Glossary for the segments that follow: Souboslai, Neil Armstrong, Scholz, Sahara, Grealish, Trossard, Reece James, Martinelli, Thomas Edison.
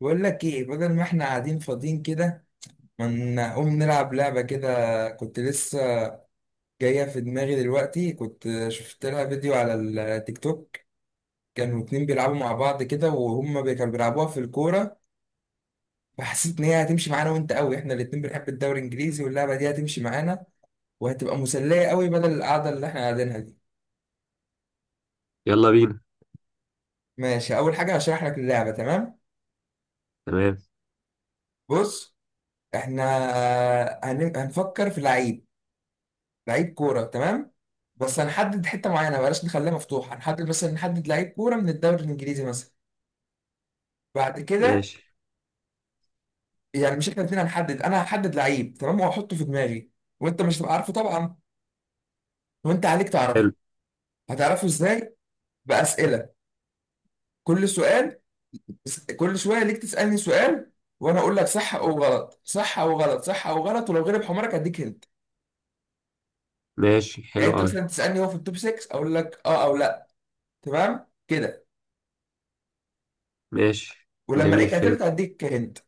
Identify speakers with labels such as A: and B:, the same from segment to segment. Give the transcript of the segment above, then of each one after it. A: بقول لك ايه؟ بدل ما احنا قاعدين فاضيين كده، ما نقوم نلعب لعبة كده. كنت لسه جاية في دماغي دلوقتي، كنت شفت لها فيديو على التيك توك. كانوا اتنين بيلعبوا مع بعض كده وهم كانوا بيلعبوها في الكورة. فحسيت ان هي هتمشي معانا وانت قوي، احنا الاتنين بنحب الدوري الانجليزي واللعبة دي هتمشي معانا وهتبقى مسلية قوي بدل القعدة اللي احنا قاعدينها دي.
B: يلا بينا.
A: ماشي، اول حاجة هشرح لك اللعبة، تمام.
B: تمام.
A: بص، احنا هنفكر في لعيب، لعيب كوره، تمام. بس هنحدد حته معينه، بلاش نخليها مفتوحه، هنحدد مثلا، نحدد لعيب كوره من الدوري الانجليزي مثلا. بعد كده
B: ماشي،
A: يعني مش احنا الاثنين هنحدد، انا هحدد لعيب، تمام، وهحطه في دماغي، وانت مش هتبقى عارفه طبعا، وانت عليك تعرفه.
B: حلو.
A: هتعرفه ازاي؟ باسئله. كل سؤال، كل شويه ليك تسالني سؤال وانا اقول لك صح او غلط، صح او غلط، صح او غلط، ولو غلب حمارك اديك هنت.
B: ماشي
A: يعني
B: حلو
A: انت
B: أوي.
A: مثلا تسالني هو في التوب 6، اقول لك اه او لا، تمام كده.
B: ماشي،
A: ولما
B: جميل،
A: الاقيك
B: فهم.
A: قتلت اديك هنت.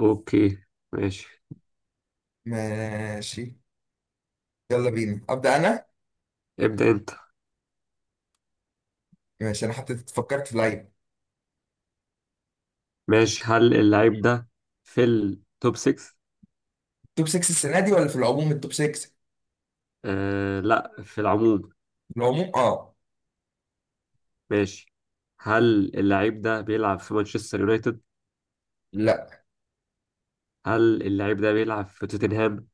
B: أوكي، ماشي.
A: ماشي، يلا بينا، ابدا انا.
B: ابدأ أنت.
A: ماشي، انا حطيت، فكرت في لعيب.
B: ماشي، هل اللعيب ده في التوب 6؟
A: توب 6 السنه دي ولا في العموم التوب 6؟
B: آه، لا، في العموم.
A: في العموم، اه.
B: ماشي، هل اللعيب ده بيلعب في مانشستر يونايتد؟
A: لا.
B: هل اللعيب ده بيلعب في توتنهام؟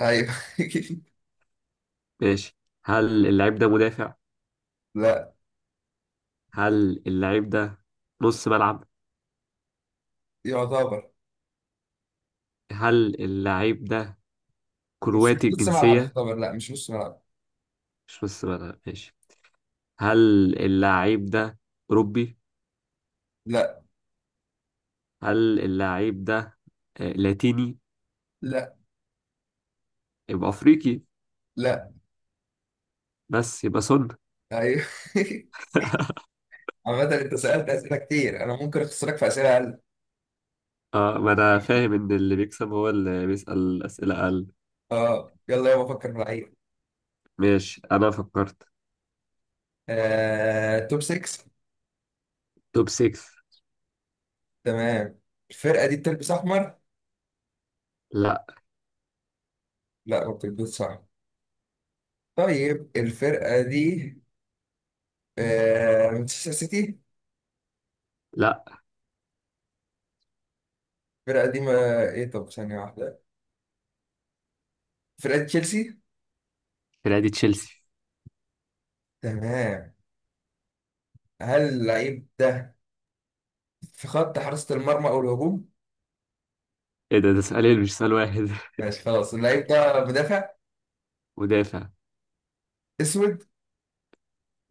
A: ايوه
B: ماشي، هل اللعيب ده مدافع؟
A: لا.
B: هل اللعيب ده نص ملعب؟
A: يعتبر.
B: هل اللعيب ده
A: بس مش
B: كرواتي
A: نص ملعب،
B: الجنسية؟
A: يعتبر، لا مش نص ملعب.
B: مش نص ملعب، ماشي. هل اللاعب ده أوروبي؟
A: لا.
B: هل اللاعب ده لاتيني؟
A: لا.
B: يبقى أفريقي؟
A: لا.
B: بس يبقى سن.
A: ايوه عامة انت سألت اسئله كتير، انا ممكن اخسرك في اسئله اقل.
B: اه، ما أنا فاهم إن اللي بيكسب هو اللي بيسأل أسئلة أقل.
A: اه، يلا يابا فكر في لعيب.
B: ماشي، أنا فكرت.
A: توب 6.
B: توب 6.
A: تمام. الفرقه دي بتلبس احمر؟
B: لا.
A: لا ما بتلبسش احمر. طيب الفرقه دي، مانشستر سيتي؟
B: لا.
A: فرقة قديمة، ايه، طب ثانية واحدة، فرقة تشيلسي.
B: فرقة تشيلسي.
A: تمام. هل اللعيب ده في خط حراسة المرمى او الهجوم؟
B: إيه ده، ده سؤالين مش سؤال واحد.
A: ماشي، خلاص اللعيب ده مدافع؟
B: مدافع.
A: اسود،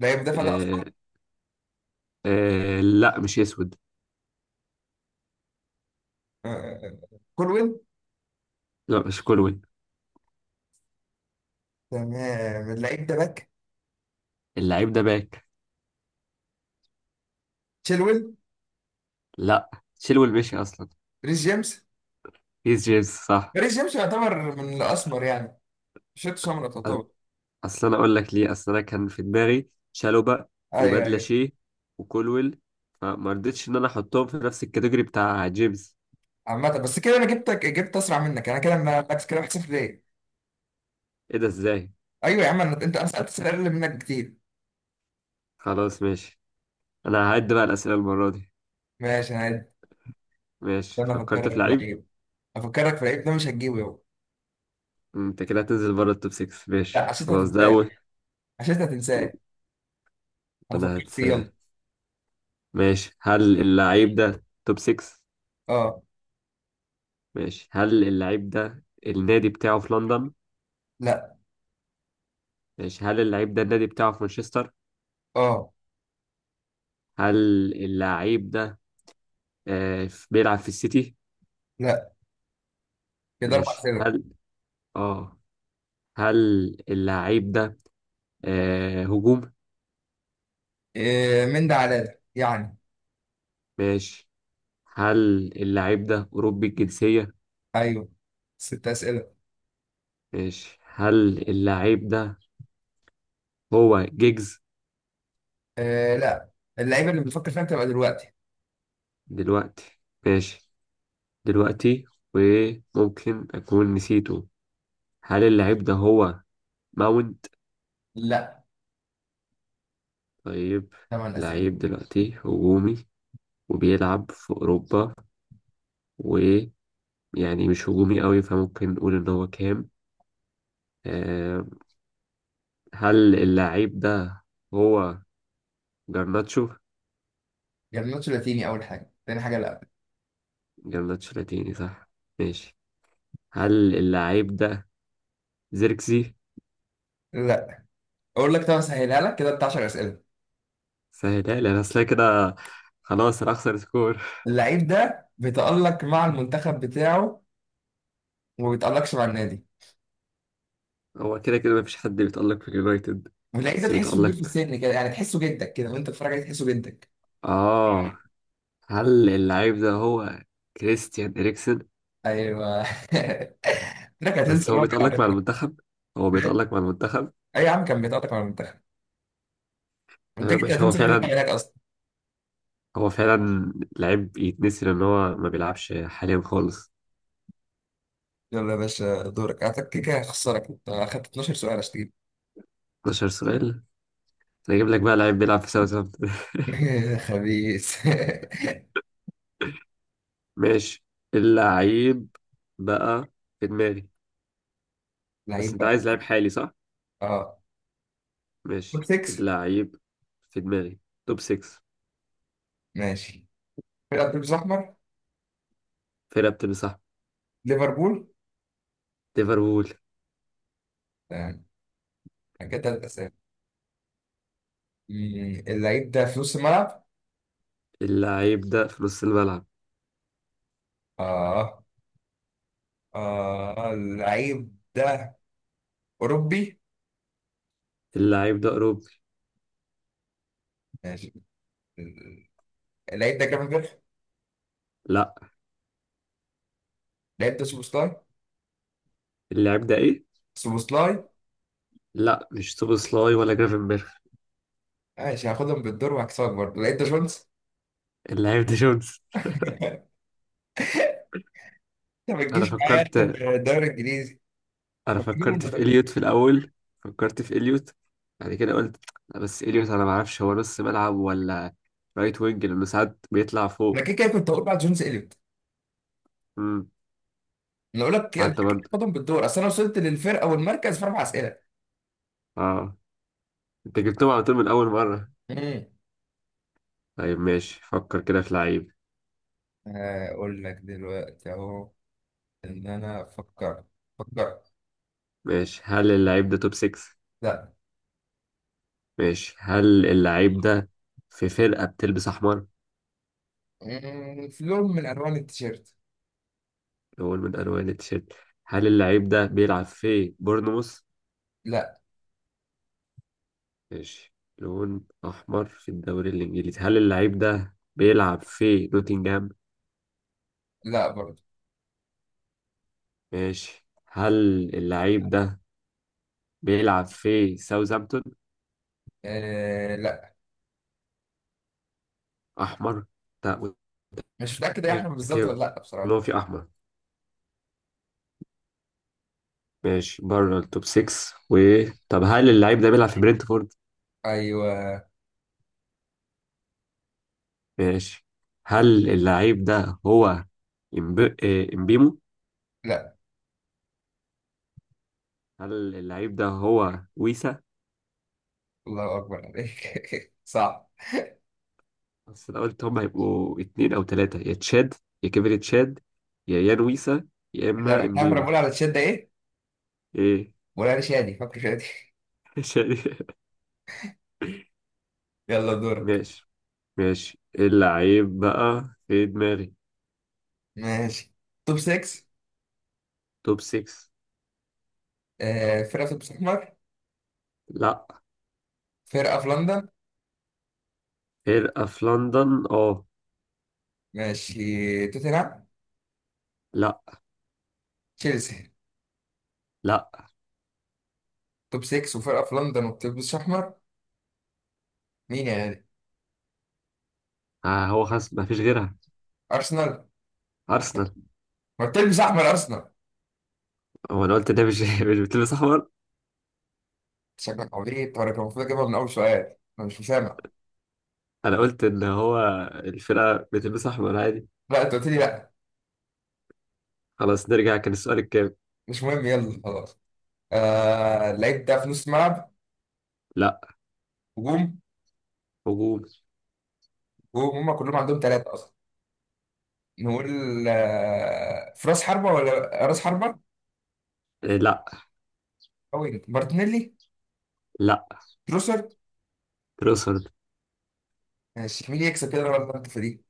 A: اللعيب مدافع ده
B: آه.
A: اصلا.
B: آه، لا، مش أسود.
A: آه، كولويل.
B: لا، مش كولوين.
A: تمام، اللعيب ده باك.
B: اللاعب ده باك.
A: تشيلويل.
B: لا. تشيلويل مشي أصلا.
A: ريس جيمس.
B: هيث جيمس، صح.
A: ريس جيمس يعتبر من الاسمر يعني، شفت سمرة تعتبر.
B: اصل انا اقول لك ليه، اصل انا كان في دماغي شالوبا
A: ايوه، ايوه.
B: وبدلاشي وكولويل، فما رضيتش ان انا احطهم في نفس الكاتيجوري بتاع جيمس.
A: عامة بس كده انا جبتك، جبت اسرع منك، انا كده بكس كده 1-0، ليه؟
B: ايه ده، ازاي؟
A: ايوه يا عم، أنا- انت انا سالت اسئله اقل منك كتير.
B: خلاص، ماشي، انا هعد بقى الاسئله المره دي.
A: ماشي انا. ده
B: ماشي،
A: انا
B: فكرت
A: افكرك
B: في
A: في
B: لعيب.
A: العيب، افكرك في العيب ده مش هتجيبه يابا.
B: انت كده هتنزل بره التوب 6.
A: لا،
B: ماشي
A: عشان انت
B: خلاص، ده
A: هتنساه،
B: اول.
A: عشان انت هتنساه. انا
B: انا
A: فكرت
B: هتس.
A: فيه، يلا.
B: ماشي، هل اللعيب ده توب 6؟
A: اه.
B: ماشي، هل اللعيب ده النادي بتاعه في لندن؟
A: لا.
B: ماشي، هل اللعيب ده النادي بتاعه في مانشستر؟
A: اه.
B: هل اللعيب ده بيلعب في السيتي؟
A: لا. كده اربع
B: ماشي،
A: اسئله.
B: هل اه هل اللعيب ده هجوم؟
A: إيه، من ده على ده يعني.
B: ماشي، هل اللعيب ده أوروبي الجنسية؟
A: ايوه. ست اسئله.
B: ماشي، هل اللعيب ده هو جيجز؟
A: إيه لا. اللعيبه اللي بنفكر فيها بتبقى دلوقتي.
B: دلوقتي، ماشي. دلوقتي، وممكن أكون نسيته. هل اللعيب ده هو ماونت؟
A: لا.
B: طيب.
A: ثمان اسئله.
B: لعيب دلوقتي هجومي، وبيلعب في أوروبا، ويعني مش هجومي قوي، فممكن نقول إن هو كام. آه، هل اللعيب ده هو جرناتشو؟
A: جرناتشو لاتيني اول حاجه، تاني حاجه لا.
B: جرناتشو لاتيني، صح. ماشي، هل اللعيب ده زيركزي؟
A: لا. اقول لك، طب اسهلها لك كده، بتاع 10 اسئله.
B: سهلها لي انا اصلا كده. خلاص، انا اخسر سكور.
A: اللعيب ده بيتالق مع المنتخب بتاعه وما بيتالقش مع النادي.
B: هو كده كده مفيش حد بيتألق في اليونايتد.
A: واللعيب ده
B: بس
A: تحسه كبير في
B: بيتألق.
A: السن كده يعني، تحسه جدك كده وانت بتتفرج عليه تحسه جدك.
B: اه، هل اللعيب ده هو كريستيان إريكسن؟
A: ايوه انك
B: بس
A: هتنسى ان
B: هو
A: هو كان على
B: بيتألق مع
A: فكرة.
B: المنتخب. هو بيتألق مع المنتخب.
A: اي يا عم، كان بيتقطع مع المنتخب. انت
B: تمام
A: كنت
B: ماشي، هو
A: هتنسى ان هو كان
B: فعلا.
A: هناك اصلا.
B: هو فعلا لعيب يتنسي، لان هو ما بيلعبش حاليا خالص.
A: يلا يا باشا، دورك. اعتقد كده كده هخسرك، انت اخدت 12 سؤال، اشتري.
B: 12 سؤال. أنا اجيب لك بقى لعيب بيلعب في ساوثهامبتون.
A: خبيث.
B: ماشي، اللعيب بقى في دماغي. بس
A: لعيب
B: انت
A: بقى.
B: عايز لعيب حالي، صح؟
A: اه. توب
B: ماشي،
A: 6.
B: اللعيب في دماغي. توب 6.
A: ماشي. فرقه بيلبس احمر.
B: فرقة بتلبس احمر.
A: ليفربول.
B: ليفربول.
A: تمام، كده تلات اسامي. اللعيب ده في نص الملعب.
B: اللعيب ده في نص الملعب.
A: اه. اه، اللعيب ده اوروبي.
B: اللعيب ده اوروبي.
A: ماشي. لقيت ده جرافن جريف.
B: لا.
A: لقيت ده سوبوسلاي.
B: اللعيب ده ايه؟
A: سوبوسلاي.
B: لا، مش سوبوسلاي ولا جرافنبرغ.
A: ماشي، هاخدهم بالدور وهكسبك برضه، لقيت ده شولز.
B: اللعيب ده جونز.
A: انت ما
B: انا
A: تجيش معايا انت
B: فكرت
A: في الدوري الانجليزي،
B: انا
A: مجنون
B: فكرت
A: ولا
B: في
A: ده؟
B: اليوت في الاول. فكرت في اليوت، بعد كده قلت لا، بس اليوت انا ما اعرفش هو نص ملعب ولا رايت وينج، لانه ساعات بيطلع
A: انا
B: فوق.
A: كده كده كنت هقول بعد جونز اليوت.
B: امم.
A: انا اقول لك، كده كده
B: حتى
A: كده
B: برضه.
A: هاخدهم بالدور، اصل انا وصلت للفرقه والمركز في اربع اسئله.
B: اه، انت جبتهم على طول من اول مرة.
A: امم.
B: طيب ماشي، فكر كده في لعيب.
A: اقول لك دلوقتي اهو، ان انا فكرت، فكرت.
B: ماشي، هل اللعيب ده توب 6؟
A: لا.
B: ماشي، هل اللعيب ده في فرقة بتلبس أحمر؟
A: في لون من الوان التيشيرت.
B: لون من ألوان التيشيرت. هل اللعيب ده بيلعب في بورنموث؟
A: لا.
B: ماشي، لون أحمر في الدوري الإنجليزي. هل اللعيب ده بيلعب في نوتنجهام؟
A: لا برضه.
B: ماشي، هل اللعيب ده بيلعب في ساوثهامبتون؟
A: آه لا.
B: أحمر. لا.
A: مش متاكد يا احمد بالظبط ولا
B: متأكد
A: لا،
B: إن
A: بصراحه.
B: هو في أحمر. ماشي، بره التوب 6. و طب هل اللعيب ده بيلعب في برنتفورد؟
A: ايوه.
B: ماشي، هل اللعيب ده هو إمبيمو؟
A: لا.
B: هل اللعيب ده هو ويسا؟
A: الله اكبر عليك صعب.
B: بس أنا قلت هم هيبقوا اتنين أو تلاتة: يا تشاد، يا كيفن تشاد، يا يان ويسا، يا
A: احنا
B: إما
A: إحنا كنا
B: إمبيمو.
A: بنقول على الشده ايه؟
B: إيه.
A: بنقول على شادي، فاكر شادي؟
B: شادي.
A: يلا دورك.
B: ماشي. ماشي، اللعيب بقى في دماغي.
A: ماشي. توب 6.
B: توب 6.
A: فرقه في توب احمر.
B: لا.
A: فرقه في لندن.
B: فرقة في لندن، اه.
A: ماشي، توتنهام.
B: لا.
A: تشيلسي.
B: لا.
A: توب 6 وفرقه في لندن وبتلبس احمر، مين يا غالي؟
B: آه، هو خلاص مفيش غيرها.
A: ارسنال.
B: أرسنال.
A: ما بتلبس احمر ارسنال؟
B: هو أنا قلت ده مش مش بتلبس أحمر.
A: شكلك عبيط، وانا كان المفروض اجيبها من اول سؤال، انا مش مسامع.
B: انا قلت ان هو الفرقه بتلبس احمر عادي.
A: لا، انت قلت لي لا.
B: خلاص، نرجع، كان السؤال الكام.
A: مش مهم، يلا خلاص. اللعيب ده في نص الملعب.
B: لا.
A: هجوم.
B: هجوم.
A: وهم كلهم عندهم ثلاثه، نقول في راس حربة ولا راس حربة؟
B: إيه، لا.
A: أو إيه؟ مارتينيلي.
B: لا.
A: تروسر.
B: تروسرد.
A: ماشي، مين يكسب كده ولا انت في دي؟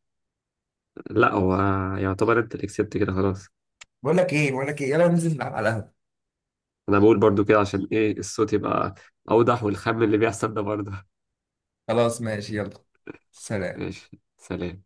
B: لا، هو يعتبر انت اللي كسبت كده، خلاص.
A: بقول لك ايه، بقول لك ايه، يلا ننزل نلعب على القهوة.
B: انا بقول برضو كده عشان ايه الصوت يبقى اوضح، والخم اللي بيحصل ده برضه.
A: خلاص ماشي يلا، سلام.
B: ماشي، سلام.